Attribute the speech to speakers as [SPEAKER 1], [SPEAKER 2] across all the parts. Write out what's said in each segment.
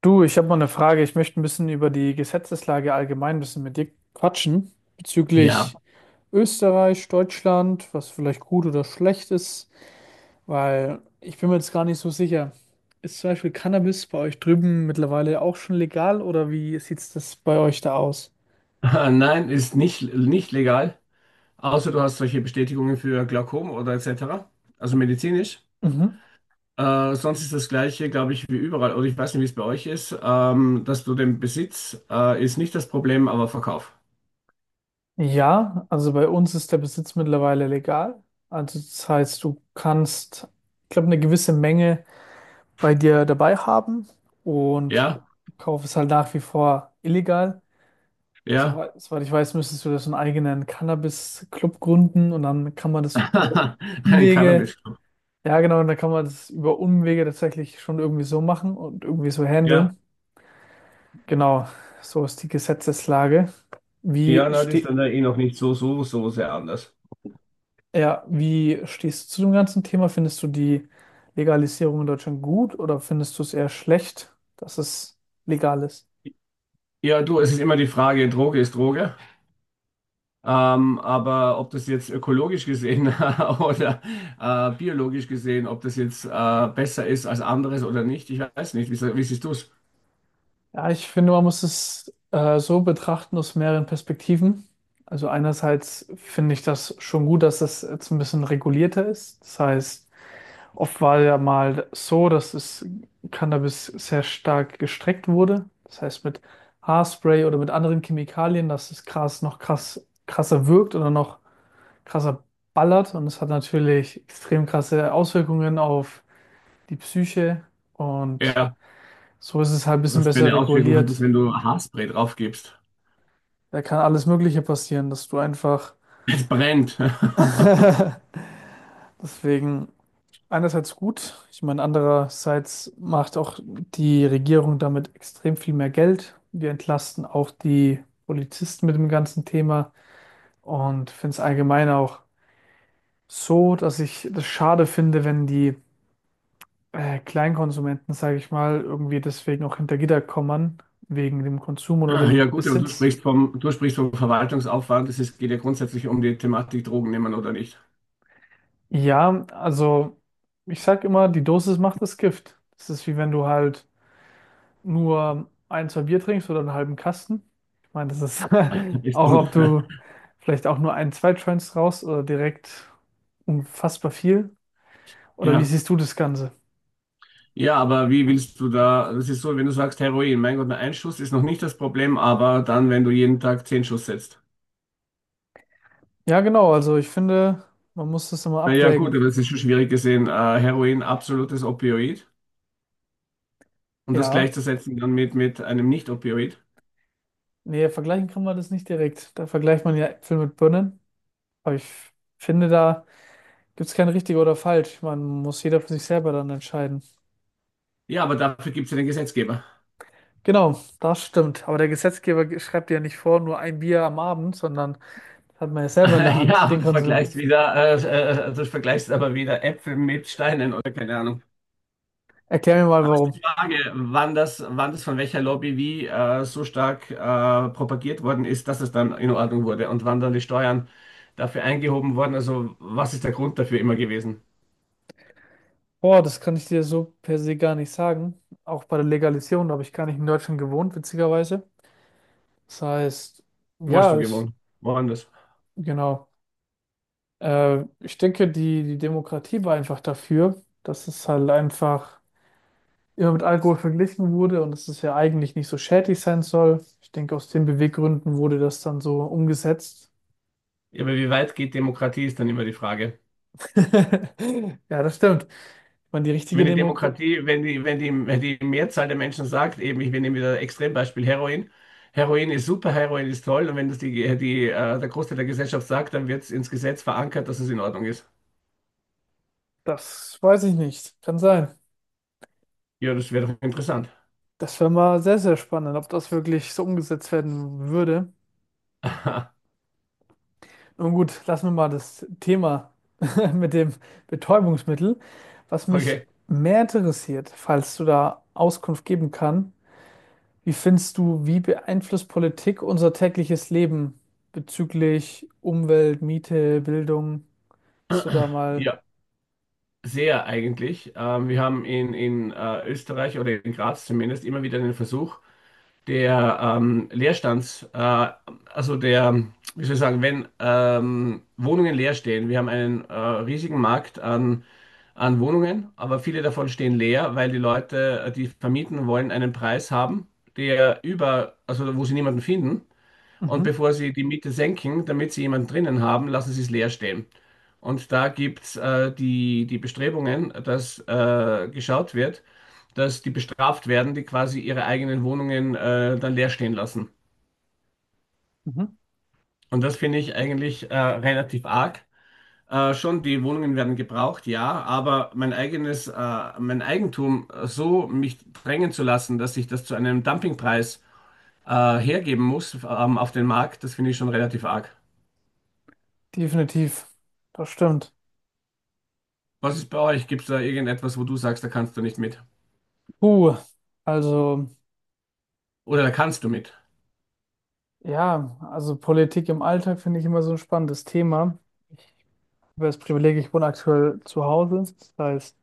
[SPEAKER 1] Du, ich habe mal eine Frage. Ich möchte ein bisschen über die Gesetzeslage allgemein ein bisschen mit dir quatschen
[SPEAKER 2] Ja,
[SPEAKER 1] bezüglich Österreich, Deutschland, was vielleicht gut oder schlecht ist, weil ich bin mir jetzt gar nicht so sicher. Ist zum Beispiel Cannabis bei euch drüben mittlerweile auch schon legal oder wie sieht das bei euch da aus?
[SPEAKER 2] nein, ist nicht, nicht legal, außer du hast solche Bestätigungen für Glaukom oder etc., also medizinisch.
[SPEAKER 1] Mhm.
[SPEAKER 2] Sonst ist das Gleiche, glaube ich, wie überall, oder ich weiß nicht, wie es bei euch ist, dass du den Besitz ist nicht das Problem, aber Verkauf.
[SPEAKER 1] Ja, also bei uns ist der Besitz mittlerweile legal. Also das heißt, du kannst, ich glaube, eine gewisse Menge bei dir dabei haben und
[SPEAKER 2] Ja,
[SPEAKER 1] Kauf ist halt nach wie vor illegal.
[SPEAKER 2] ja,
[SPEAKER 1] Soweit ich weiß, müsstest du das einen eigenen Cannabis-Club gründen und dann kann man das über
[SPEAKER 2] ein
[SPEAKER 1] Umwege,
[SPEAKER 2] Cannabis.
[SPEAKER 1] ja genau, und dann kann man das über Umwege tatsächlich schon irgendwie so machen und irgendwie so
[SPEAKER 2] Ja,
[SPEAKER 1] handeln. Genau, so ist die Gesetzeslage. Wie
[SPEAKER 2] ja, na, das ist
[SPEAKER 1] ste
[SPEAKER 2] dann da eh noch nicht so, so, so sehr anders.
[SPEAKER 1] ja, wie stehst du zu dem ganzen Thema? Findest du die Legalisierung in Deutschland gut oder findest du es eher schlecht, dass es legal ist?
[SPEAKER 2] Ja, du, es ist immer die Frage, Droge ist Droge. Aber ob das jetzt ökologisch gesehen oder biologisch gesehen, ob das jetzt besser ist als anderes oder nicht, ich weiß nicht. Wie siehst du es?
[SPEAKER 1] Ja, ich finde, man muss es so betrachten aus mehreren Perspektiven. Also einerseits finde ich das schon gut, dass das jetzt ein bisschen regulierter ist. Das heißt, oft war ja mal so, dass das Cannabis sehr stark gestreckt wurde. Das heißt, mit Haarspray oder mit anderen Chemikalien, dass das Gras noch krass, krasser wirkt oder noch krasser ballert. Und es hat natürlich extrem krasse Auswirkungen auf die Psyche. Und
[SPEAKER 2] Ja,
[SPEAKER 1] so ist es halt ein bisschen
[SPEAKER 2] was für
[SPEAKER 1] besser
[SPEAKER 2] eine Auswirkung hat es,
[SPEAKER 1] reguliert.
[SPEAKER 2] wenn du Haarspray drauf gibst?
[SPEAKER 1] Da kann alles Mögliche passieren, dass du einfach.
[SPEAKER 2] Es brennt.
[SPEAKER 1] Deswegen einerseits gut, ich meine, andererseits macht auch die Regierung damit extrem viel mehr Geld. Wir entlasten auch die Polizisten mit dem ganzen Thema und finde es allgemein auch so, dass ich das schade finde, wenn die Kleinkonsumenten, sage ich mal, irgendwie deswegen auch hinter Gitter kommen, wegen dem Konsum oder
[SPEAKER 2] Ja
[SPEAKER 1] dem
[SPEAKER 2] gut, aber
[SPEAKER 1] Besitz.
[SPEAKER 2] du sprichst vom Verwaltungsaufwand. Geht ja grundsätzlich um die Thematik Drogen nehmen oder nicht.
[SPEAKER 1] Ja, also ich sag immer, die Dosis macht das Gift. Das ist wie wenn du halt nur ein, zwei Bier trinkst oder einen halben Kasten. Ich meine, das ist
[SPEAKER 2] Ist
[SPEAKER 1] auch,
[SPEAKER 2] und,
[SPEAKER 1] ob du vielleicht auch nur ein, zwei Joints raus oder direkt unfassbar viel. Oder wie
[SPEAKER 2] ja.
[SPEAKER 1] siehst du das Ganze?
[SPEAKER 2] Ja, aber wie willst du da, das ist so, wenn du sagst Heroin, mein Gott, nur ein Schuss ist noch nicht das Problem, aber dann, wenn du jeden Tag zehn Schuss setzt.
[SPEAKER 1] Ja, genau. Also ich finde, man muss das immer
[SPEAKER 2] Naja, gut,
[SPEAKER 1] abwägen.
[SPEAKER 2] aber das ist schon schwierig gesehen. Heroin, absolutes Opioid. Und das
[SPEAKER 1] Ja,
[SPEAKER 2] gleichzusetzen dann mit einem Nicht-Opioid.
[SPEAKER 1] nee, vergleichen kann man das nicht direkt. Da vergleicht man ja Äpfel mit Birnen. Aber ich finde, da gibt es kein richtig oder falsch. Man muss jeder für sich selber dann entscheiden.
[SPEAKER 2] Ja, aber dafür gibt es ja den Gesetzgeber.
[SPEAKER 1] Genau, das stimmt. Aber der Gesetzgeber schreibt dir ja nicht vor, nur ein Bier am Abend, sondern das hat man ja selber in der
[SPEAKER 2] Ja,
[SPEAKER 1] Hand,
[SPEAKER 2] aber
[SPEAKER 1] den Konsum.
[SPEAKER 2] du vergleichst aber wieder Äpfel mit Steinen oder keine Ahnung.
[SPEAKER 1] Erklär mir mal,
[SPEAKER 2] Aber es
[SPEAKER 1] warum.
[SPEAKER 2] ist die Frage, wann das von welcher Lobby wie so stark propagiert worden ist, dass es dann in Ordnung wurde und wann dann die Steuern dafür eingehoben wurden. Also, was ist der Grund dafür immer gewesen?
[SPEAKER 1] Boah, das kann ich dir so per se gar nicht sagen. Auch bei der Legalisierung, da habe ich gar nicht in Deutschland gewohnt, witzigerweise. Das heißt,
[SPEAKER 2] Wo hast du
[SPEAKER 1] ja, ich,
[SPEAKER 2] gewohnt? Woanders?
[SPEAKER 1] genau. Ich denke, die Demokratie war einfach dafür, dass es halt einfach immer mit Alkohol verglichen wurde und dass es ja eigentlich nicht so schädlich sein soll. Ich denke, aus den Beweggründen wurde das dann so umgesetzt.
[SPEAKER 2] Ja, aber wie weit geht Demokratie, ist dann immer die Frage.
[SPEAKER 1] Ja, das stimmt. Man, die richtige
[SPEAKER 2] Wenn die
[SPEAKER 1] Demokratie,
[SPEAKER 2] Demokratie, wenn die Mehrzahl der Menschen sagt, eben, ich nehme wieder Extrembeispiel Heroin, Heroin ist super, Heroin ist toll, und wenn das der Großteil der Gesellschaft sagt, dann wird es ins Gesetz verankert, dass es in Ordnung ist.
[SPEAKER 1] das weiß ich nicht. Kann sein.
[SPEAKER 2] Ja, das wäre doch interessant.
[SPEAKER 1] Das wäre mal sehr, sehr spannend, ob das wirklich so umgesetzt werden würde. Nun gut, lassen wir mal das Thema mit dem Betäubungsmittel. Was mich
[SPEAKER 2] Okay,
[SPEAKER 1] mehr interessiert, falls du da Auskunft geben kann, wie findest du, wie beeinflusst Politik unser tägliches Leben bezüglich Umwelt, Miete, Bildung? Hast du da mal
[SPEAKER 2] ja, sehr eigentlich. Wir haben in Österreich oder in Graz zumindest immer wieder den Versuch, der Leerstands, also der, wie soll ich sagen, wenn Wohnungen leer stehen, wir haben einen riesigen Markt an, an Wohnungen, aber viele davon stehen leer, weil die Leute, die vermieten wollen, einen Preis haben, also wo sie niemanden finden. Und
[SPEAKER 1] Mhm,
[SPEAKER 2] bevor sie die Miete senken, damit sie jemanden drinnen haben, lassen sie es leer stehen. Und da gibt es die Bestrebungen, dass geschaut wird, dass die bestraft werden, die quasi ihre eigenen Wohnungen dann leer stehen lassen.
[SPEAKER 1] mhm.
[SPEAKER 2] Und das finde ich eigentlich relativ arg. Schon, die Wohnungen werden gebraucht, ja, aber mein Eigentum so mich drängen zu lassen, dass ich das zu einem Dumpingpreis hergeben muss auf den Markt, das finde ich schon relativ arg.
[SPEAKER 1] Definitiv, das stimmt.
[SPEAKER 2] Was ist bei euch? Gibt es da irgendetwas, wo du sagst, da kannst du nicht mit?
[SPEAKER 1] Puh, also
[SPEAKER 2] Oder da kannst du mit?
[SPEAKER 1] ja, also Politik im Alltag finde ich immer so ein spannendes Thema. Ich habe das Privileg, ich wohne aktuell zu Hause. Das heißt,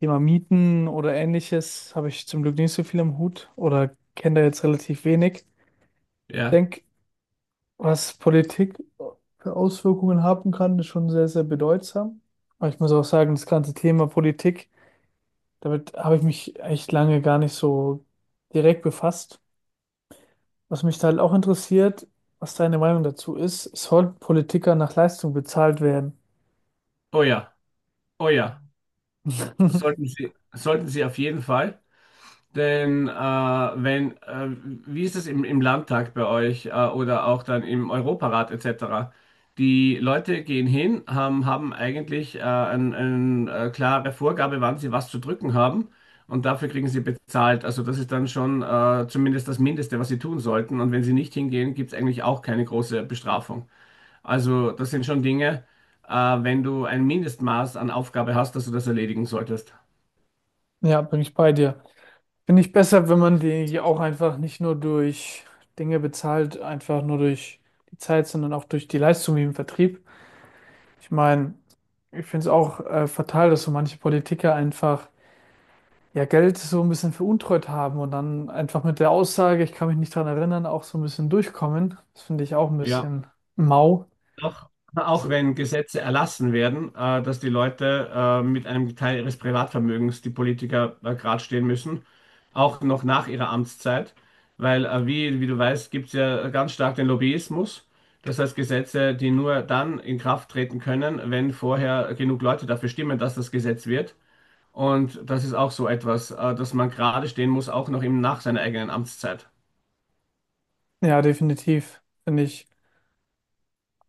[SPEAKER 1] Thema Mieten oder ähnliches habe ich zum Glück nicht so viel im Hut oder kenne da jetzt relativ wenig. Ich
[SPEAKER 2] Ja.
[SPEAKER 1] denke, was Politik für Auswirkungen haben kann, ist schon sehr, sehr bedeutsam. Aber ich muss auch sagen, das ganze Thema Politik, damit habe ich mich echt lange gar nicht so direkt befasst. Was mich da halt auch interessiert, was deine Meinung dazu ist, sollten Politiker nach Leistung bezahlt werden?
[SPEAKER 2] Oh ja, oh ja. Sollten Sie auf jeden Fall. Denn wenn, Wie ist es im Landtag bei euch oder auch dann im Europarat etc.? Die Leute gehen hin, haben eigentlich klare Vorgabe, wann sie was zu drücken haben und dafür kriegen sie bezahlt. Also das ist dann schon zumindest das Mindeste, was sie tun sollten. Und wenn sie nicht hingehen, gibt es eigentlich auch keine große Bestrafung. Also, das sind schon Dinge, wenn du ein Mindestmaß an Aufgabe hast, dass du das erledigen solltest.
[SPEAKER 1] Ja, bin ich bei dir. Finde ich besser, wenn man die auch einfach nicht nur durch Dinge bezahlt, einfach nur durch die Zeit, sondern auch durch die Leistung wie im Vertrieb. Ich meine, ich finde es auch fatal, dass so manche Politiker einfach ja Geld so ein bisschen veruntreut haben und dann einfach mit der Aussage, ich kann mich nicht daran erinnern, auch so ein bisschen durchkommen. Das finde ich auch ein
[SPEAKER 2] Ja,
[SPEAKER 1] bisschen mau.
[SPEAKER 2] auch, auch
[SPEAKER 1] So,
[SPEAKER 2] wenn Gesetze erlassen werden, dass die Leute mit einem Teil ihres Privatvermögens, die Politiker gerade stehen müssen, auch noch nach ihrer Amtszeit, weil wie du weißt, gibt es ja ganz stark den Lobbyismus. Das heißt, Gesetze, die nur dann in Kraft treten können, wenn vorher genug Leute dafür stimmen, dass das Gesetz wird. Und das ist auch so etwas, dass man gerade stehen muss, auch noch eben nach seiner eigenen Amtszeit.
[SPEAKER 1] ja, definitiv. Finde ich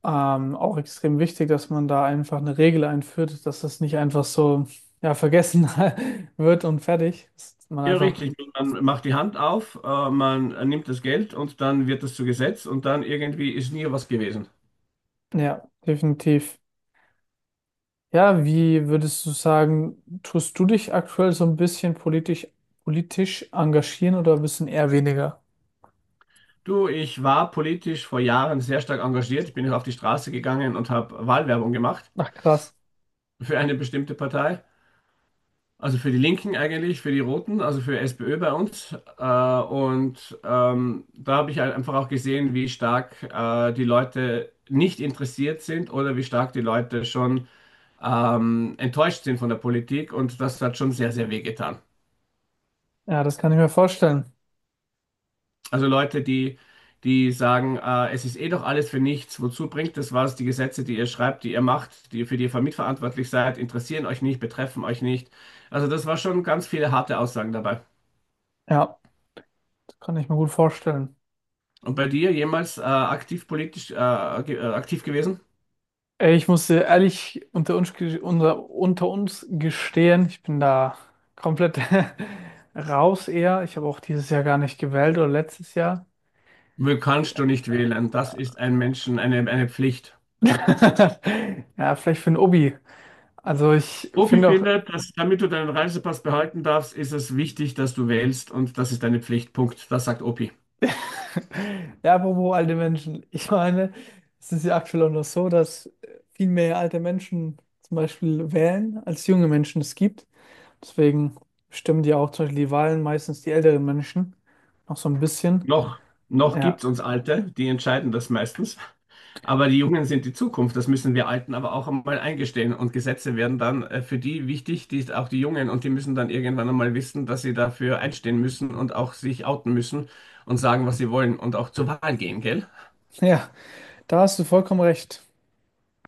[SPEAKER 1] auch extrem wichtig, dass man da einfach eine Regel einführt, dass das nicht einfach so ja, vergessen wird und fertig. Dass man
[SPEAKER 2] Ja,
[SPEAKER 1] einfach,
[SPEAKER 2] richtig. Man macht die Hand auf, man nimmt das Geld und dann wird das zu Gesetz und dann irgendwie ist nie was gewesen.
[SPEAKER 1] ja, definitiv. Ja, wie würdest du sagen, tust du dich aktuell so ein bisschen politisch, politisch engagieren oder ein bisschen eher weniger?
[SPEAKER 2] Du, ich war politisch vor Jahren sehr stark engagiert. Ich bin auf die Straße gegangen und habe Wahlwerbung gemacht
[SPEAKER 1] Ach, krass.
[SPEAKER 2] für eine bestimmte Partei. Also für die Linken eigentlich, für die Roten, also für SPÖ bei uns. Und da habe ich halt einfach auch gesehen, wie stark die Leute nicht interessiert sind oder wie stark die Leute schon enttäuscht sind von der Politik. Und das hat schon sehr, sehr wehgetan.
[SPEAKER 1] Ja, das kann ich mir vorstellen.
[SPEAKER 2] Also Leute, die, die sagen, es ist eh doch alles für nichts, wozu bringt das was? Die Gesetze, die ihr schreibt, die ihr macht, die, für die ihr mitverantwortlich seid, interessieren euch nicht, betreffen euch nicht. Also das war schon ganz viele harte Aussagen dabei.
[SPEAKER 1] Ja, das kann ich mir gut vorstellen.
[SPEAKER 2] Und bei dir jemals aktiv politisch aktiv gewesen?
[SPEAKER 1] Ey, ich muss dir ehrlich unter uns, unter, unter uns gestehen, ich bin da komplett raus eher. Ich habe auch dieses Jahr gar nicht gewählt oder letztes Jahr.
[SPEAKER 2] Will kannst du nicht wählen. Das ist ein Menschen, eine Pflicht.
[SPEAKER 1] Ja, vielleicht für ein Obi. Also ich
[SPEAKER 2] Opi
[SPEAKER 1] finde auch,
[SPEAKER 2] findet, dass damit du deinen Reisepass behalten darfst, ist es wichtig, dass du wählst und das ist deine Pflicht. Punkt. Das sagt Opi.
[SPEAKER 1] ja, apropos alte Menschen. Ich meine, es ist ja aktuell auch noch so, dass viel mehr alte Menschen zum Beispiel wählen, als junge Menschen es gibt. Deswegen stimmen die auch zum Beispiel die Wahlen meistens die älteren Menschen noch so ein bisschen.
[SPEAKER 2] Noch, noch gibt
[SPEAKER 1] Ja,
[SPEAKER 2] es uns Alte, die entscheiden das meistens. Aber die Jungen sind die Zukunft, das müssen wir Alten aber auch einmal eingestehen. Und Gesetze werden dann für die wichtig, die auch die Jungen, und die müssen dann irgendwann einmal wissen, dass sie dafür einstehen müssen und auch sich outen müssen und sagen, was sie wollen und auch zur Wahl gehen, gell?
[SPEAKER 1] ja. Da hast du vollkommen recht.